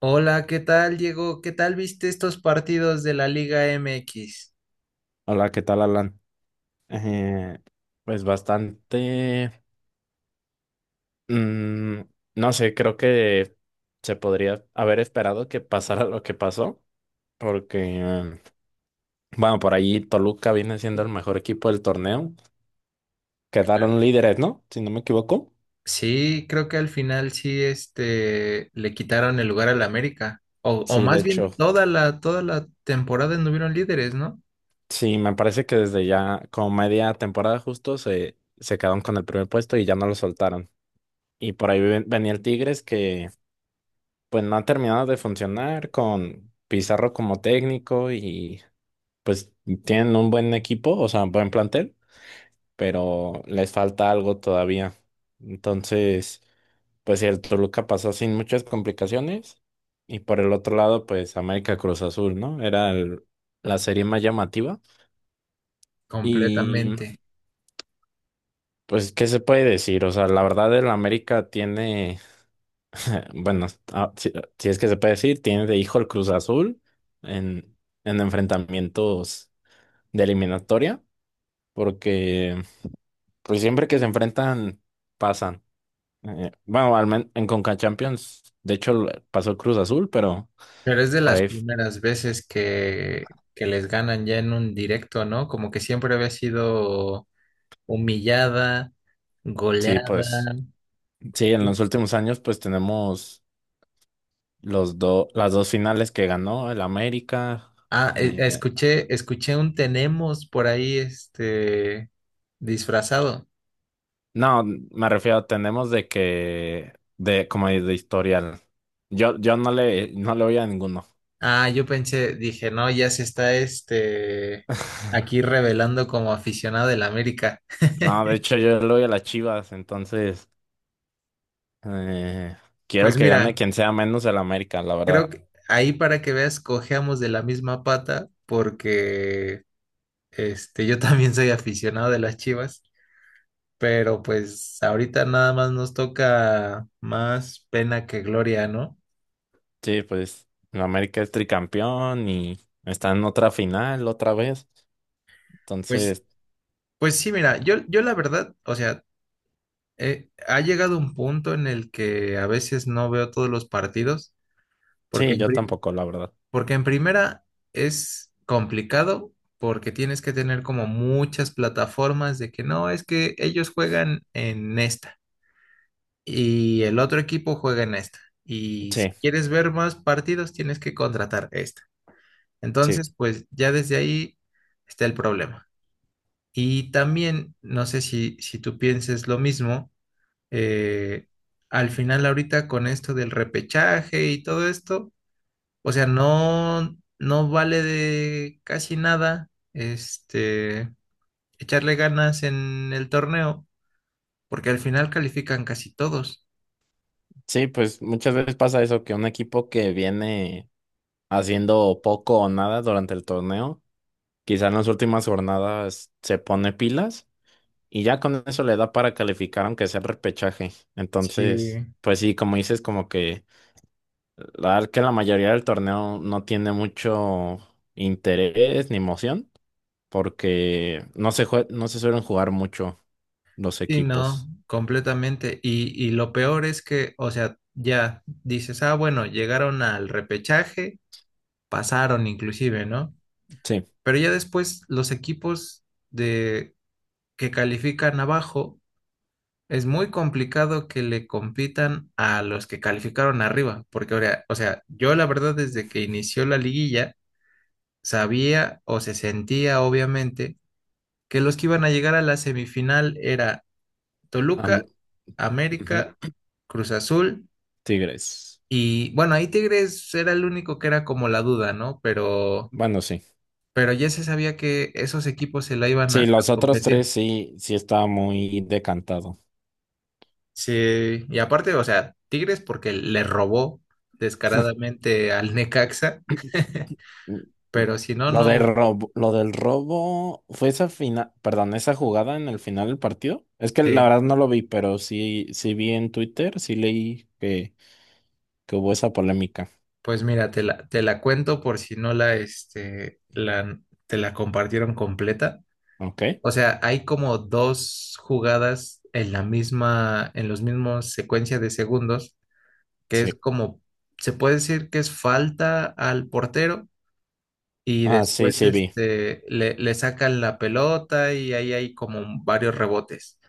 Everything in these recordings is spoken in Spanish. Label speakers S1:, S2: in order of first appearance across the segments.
S1: Hola, ¿qué tal, Diego? ¿Qué tal viste estos partidos de la Liga MX?
S2: Hola, ¿qué tal, Alan? Eh, pues bastante, mm, no sé, creo que se podría haber esperado que pasara lo que pasó, porque, eh, bueno, por ahí Toluca viene siendo el mejor equipo del torneo.
S1: Claro.
S2: Quedaron líderes, ¿no? Si no me equivoco.
S1: Sí, creo que al final sí, este, le quitaron el lugar al América. O
S2: Sí, de
S1: más
S2: hecho,
S1: bien toda la temporada anduvieron líderes, ¿no?
S2: sí, me parece que desde ya como media temporada justo se quedaron con el primer puesto y ya no lo soltaron. Y por ahí venía el Tigres que pues no ha terminado de funcionar con Pizarro como técnico y pues tienen un buen equipo, o sea, buen plantel, pero les falta algo todavía. Entonces, pues el Toluca pasó sin muchas complicaciones y por el otro lado, pues América Cruz Azul, ¿no? La serie más llamativa y
S1: Completamente.
S2: pues, ¿qué se puede decir? O sea, la verdad el América tiene... Bueno, si, si es que se puede decir, tiene de hijo el Cruz Azul en, en enfrentamientos de eliminatoria, porque pues siempre que se enfrentan pasan. Bueno, en Conca Champions, de hecho pasó el Cruz Azul, pero
S1: Pero es de
S2: por
S1: las
S2: ahí f-
S1: primeras veces que les ganan ya en un directo, ¿no? Como que siempre había sido humillada,
S2: sí,
S1: goleada.
S2: pues sí, en los últimos años pues tenemos los dos las dos finales que ganó el América. eh,
S1: Escuché un tenemos por ahí, este, disfrazado.
S2: No, me refiero, tenemos de que, de, como de historial. Yo no le, no le voy a ninguno.
S1: Ah, yo pensé, dije, no, ya se está, este, aquí revelando como aficionado del América.
S2: No, de hecho yo le voy a las Chivas, entonces eh, quiero
S1: Pues
S2: que gane
S1: mira,
S2: quien sea menos el América, la verdad.
S1: creo que ahí para que veas, cojeamos de la misma pata, porque, este, yo también soy aficionado de las Chivas, pero pues ahorita nada más nos toca más pena que gloria, ¿no?
S2: Sí, pues el América es tricampeón y está en otra final otra vez.
S1: Pues,
S2: Entonces,
S1: pues sí, mira, yo la verdad, o sea, ha llegado un punto en el que a veces no veo todos los partidos, porque
S2: sí,
S1: en,
S2: yo
S1: pri-
S2: tampoco, la verdad.
S1: porque en primera es complicado, porque tienes que tener como muchas plataformas de que no, es que ellos juegan en esta y el otro equipo juega en esta. Y
S2: Sí,
S1: si quieres ver más partidos, tienes que contratar esta.
S2: sí,
S1: Entonces, pues ya desde ahí está el problema. Y también, no sé si tú pienses lo mismo, eh, al final ahorita con esto del repechaje y todo esto, o sea, no, no vale de casi nada, este, echarle ganas en el torneo, porque al final califican casi todos.
S2: sí, pues muchas veces pasa eso, que un equipo que viene haciendo poco o nada durante el torneo. Quizá en las últimas jornadas se pone pilas y ya con eso le da para calificar aunque sea el repechaje. Entonces,
S1: Sí.
S2: pues sí, como dices, como que la verdad que la mayoría del torneo no tiene mucho interés ni emoción porque no se suelen jugar mucho los
S1: Sí, no,
S2: equipos.
S1: completamente. Y lo peor es que, o sea, ya dices, ah, bueno, llegaron al repechaje, pasaron inclusive, ¿no?
S2: Sí,
S1: Pero ya después los equipos de que califican abajo. Es muy complicado que le compitan a los que calificaron arriba, porque, ahora- o sea, yo la verdad desde que inició la liguilla sabía o se sentía obviamente que los que iban a llegar a la semifinal era Toluca,
S2: am- ujú,
S1: América, Cruz Azul,
S2: Tigres.
S1: y bueno, ahí Tigres era el único que era como la duda, ¿no?
S2: Bueno, sí.
S1: Pero ya se sabía que esos equipos se la iban a
S2: Sí, los otros tres
S1: competir.
S2: sí, sí estaba muy decantado.
S1: Sí, y aparte, o sea, Tigres porque le robó descaradamente al Necaxa,
S2: Mm, mm.
S1: pero si no, no,
S2: Lo del robo fue esa final, perdón, esa jugada en el final del partido. Es que la
S1: sí.
S2: verdad no lo vi, pero sí, sí vi en Twitter, sí leí que hubo esa polémica.
S1: Pues mira, te la cuento por si no la, este, la, te la compartieron completa.
S2: ¿Ok?
S1: O sea, hay como dos jugadas en la misma, en los mismos secuencia de segundos, que es
S2: Sí.
S1: como, se puede decir que es falta al portero. Y
S2: Ah, sí,
S1: después
S2: sí vi.
S1: este, le sacan la pelota y ahí hay como varios rebotes.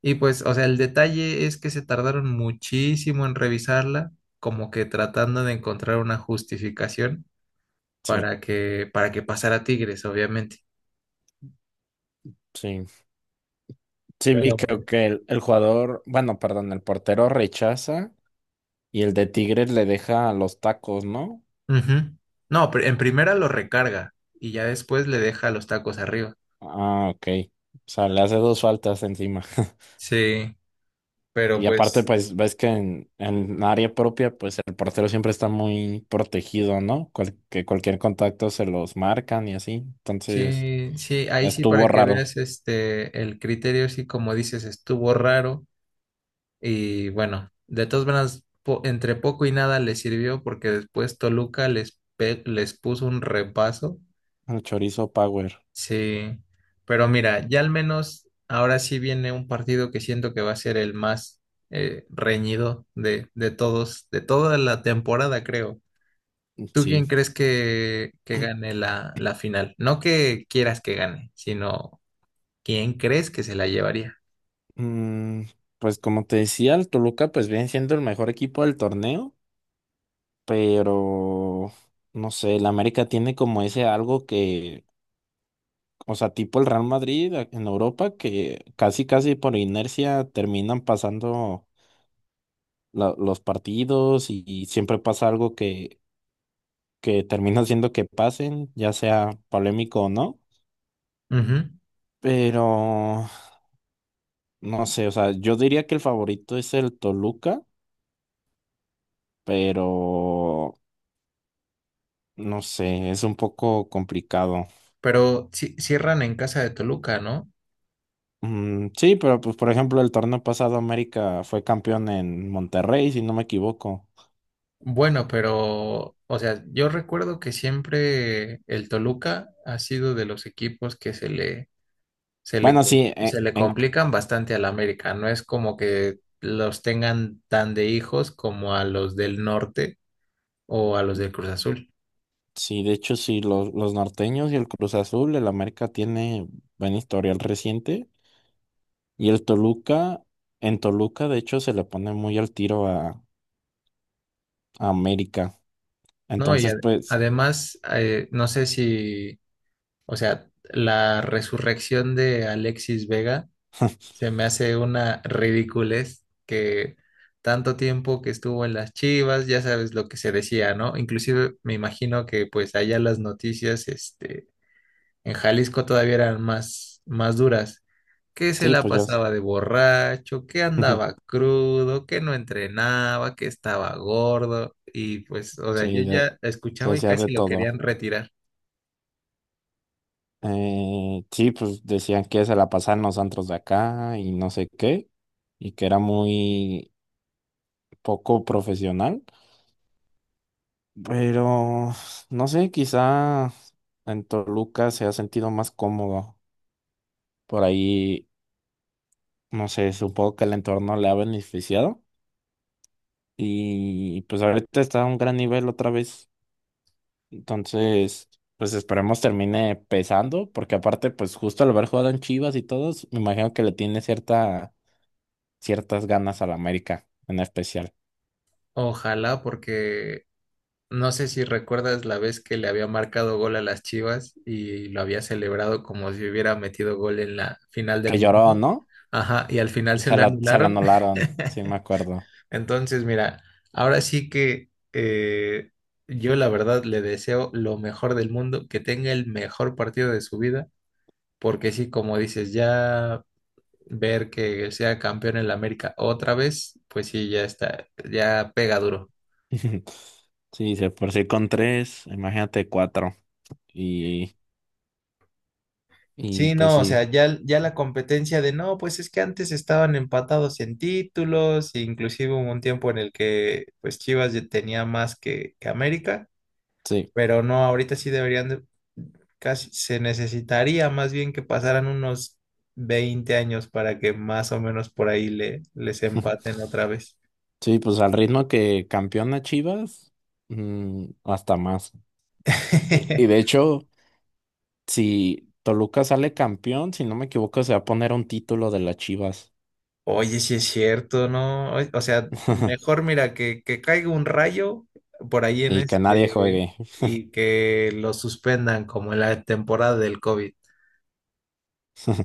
S1: Y pues, o sea, el detalle es que se tardaron muchísimo en revisarla, como que tratando de encontrar una justificación
S2: Sí,
S1: para para que pasara Tigres, obviamente.
S2: sí. Sí
S1: Pero
S2: vi, creo
S1: bueno.
S2: que el jugador, bueno, perdón, el portero rechaza y el de Tigres le deja los tacos, ¿no?
S1: Ujú. No, pr- en primera lo recarga y ya después le deja los tacos arriba.
S2: Ah, ok. O sea, le hace dos faltas encima.
S1: Sí, pero
S2: Y aparte,
S1: pues
S2: pues ves que en área propia, pues el portero siempre está muy protegido, ¿no? Que cualquier contacto se los marcan y así. Entonces,
S1: sí, ahí sí
S2: estuvo
S1: para que
S2: raro.
S1: veas este el criterio, sí como dices, estuvo raro. Y bueno, de todas maneras, po- entre poco y nada les sirvió porque después Toluca les, pe- les puso un repaso.
S2: El chorizo Power.
S1: Sí, pero mira, ya al menos ahora sí viene un partido que siento que va a ser el más reñido de todos, de toda la temporada, creo. ¿Tú
S2: Sí.
S1: quién crees que gane la, la final? No que quieras que gane, sino quién crees que se la llevaría.
S2: Mm, pues como te decía, el Toluca, pues viene siendo el mejor equipo del torneo, pero no sé, el América tiene como ese algo que, o sea, tipo el Real Madrid en Europa, que casi, casi por inercia terminan pasando los partidos y siempre pasa algo que termina haciendo que pasen, ya sea polémico o no.
S1: Ujú.
S2: Pero no sé, o sea, yo diría que el favorito es el Toluca, pero no sé, es un poco complicado.
S1: Pero ci- cierran en casa de Toluca, ¿no?
S2: Sí, pero pues por ejemplo el torneo pasado América fue campeón en Monterrey, si no me equivoco.
S1: Bueno, pero, o sea, yo recuerdo que siempre el Toluca ha sido de los equipos que se le, se le,
S2: Bueno, sí,
S1: se le complican bastante al América. No es como que los tengan tan de hijos como a los del norte o a los del Cruz Azul.
S2: sí, de hecho sí, los norteños y el Cruz Azul, el América tiene buen historial reciente. Y el Toluca, en Toluca, de hecho, se le pone muy al tiro a América.
S1: No, y
S2: Entonces,
S1: ad-
S2: pues,
S1: además, no sé si, o sea, la resurrección de Alexis Vega. Se me hace una ridiculez que tanto tiempo que estuvo en las Chivas, ya sabes lo que se decía, ¿no? Inclusive me imagino que pues allá las noticias, este, en Jalisco todavía eran más, más duras. Que se
S2: sí,
S1: la
S2: pues yo,
S1: pasaba de borracho, que andaba crudo, que no entrenaba, que estaba gordo. Y pues, o sea, yo
S2: sí,
S1: ya
S2: se
S1: escuchaba y
S2: decía de
S1: casi lo
S2: todo.
S1: querían retirar.
S2: Sí, pues decían que se la pasaban los antros de acá y no sé qué, y que era muy poco profesional. Pero, no sé, quizá en Toluca se ha sentido más cómodo. Por ahí, no sé, supongo que el entorno le ha beneficiado. Y pues ahorita está a un gran nivel otra vez. Entonces, pues esperemos termine pesando, porque aparte, pues justo al haber jugado en Chivas y todos, me imagino que le tiene cierta, ciertas ganas a la América, en especial.
S1: Ojalá. Porque no sé si recuerdas la vez que le había marcado gol a las Chivas y lo había celebrado como si hubiera metido gol en la final del
S2: Que lloró,
S1: mundo.
S2: ¿no?
S1: Ajá, y al final
S2: Y
S1: se lo
S2: se la
S1: anularon.
S2: anularon, sí me acuerdo.
S1: Entonces, mira, ahora sí que yo la verdad le deseo lo mejor del mundo, que tenga el mejor partido de su vida, porque sí, como dices, ya ver que sea campeón en la América otra vez, pues sí, ya está, ya pega duro.
S2: Sí, se por sí con tres, imagínate cuatro. Y, y
S1: Sí,
S2: pues
S1: no, o
S2: sí,
S1: sea, ya la competencia de no, pues es que antes estaban empatados en títulos, e inclusive hubo un tiempo en el que pues Chivas ya tenía más que América,
S2: sí.
S1: pero no, ahorita sí deberían de- casi se necesitaría más bien que pasaran unos 20 años para que más o menos por ahí le, les empaten otra vez.
S2: Sí, pues al ritmo que campeona Chivas, mm, hasta más. Y de hecho. Si Toluca sale campeón, si no me equivoco, se va a poner un título de las Chivas.
S1: Oye, sí es cierto, ¿no? O sea, mejor mira que caiga un rayo por ahí en
S2: Y que nadie
S1: este
S2: juegue.
S1: y que lo suspendan como en la temporada del COVID.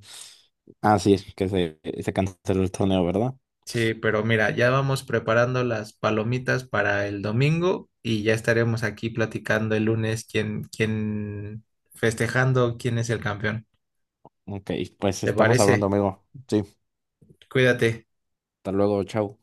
S2: Ah, sí, es que se canceló el torneo, ¿verdad?
S1: Sí, pero mira, ya vamos preparando las palomitas para el domingo y ya estaremos aquí platicando el lunes festejando quién es el campeón.
S2: Ok, pues
S1: ¿Te
S2: estamos hablando,
S1: parece?
S2: amigo. Sí,
S1: Cuídate.
S2: hasta luego, chao.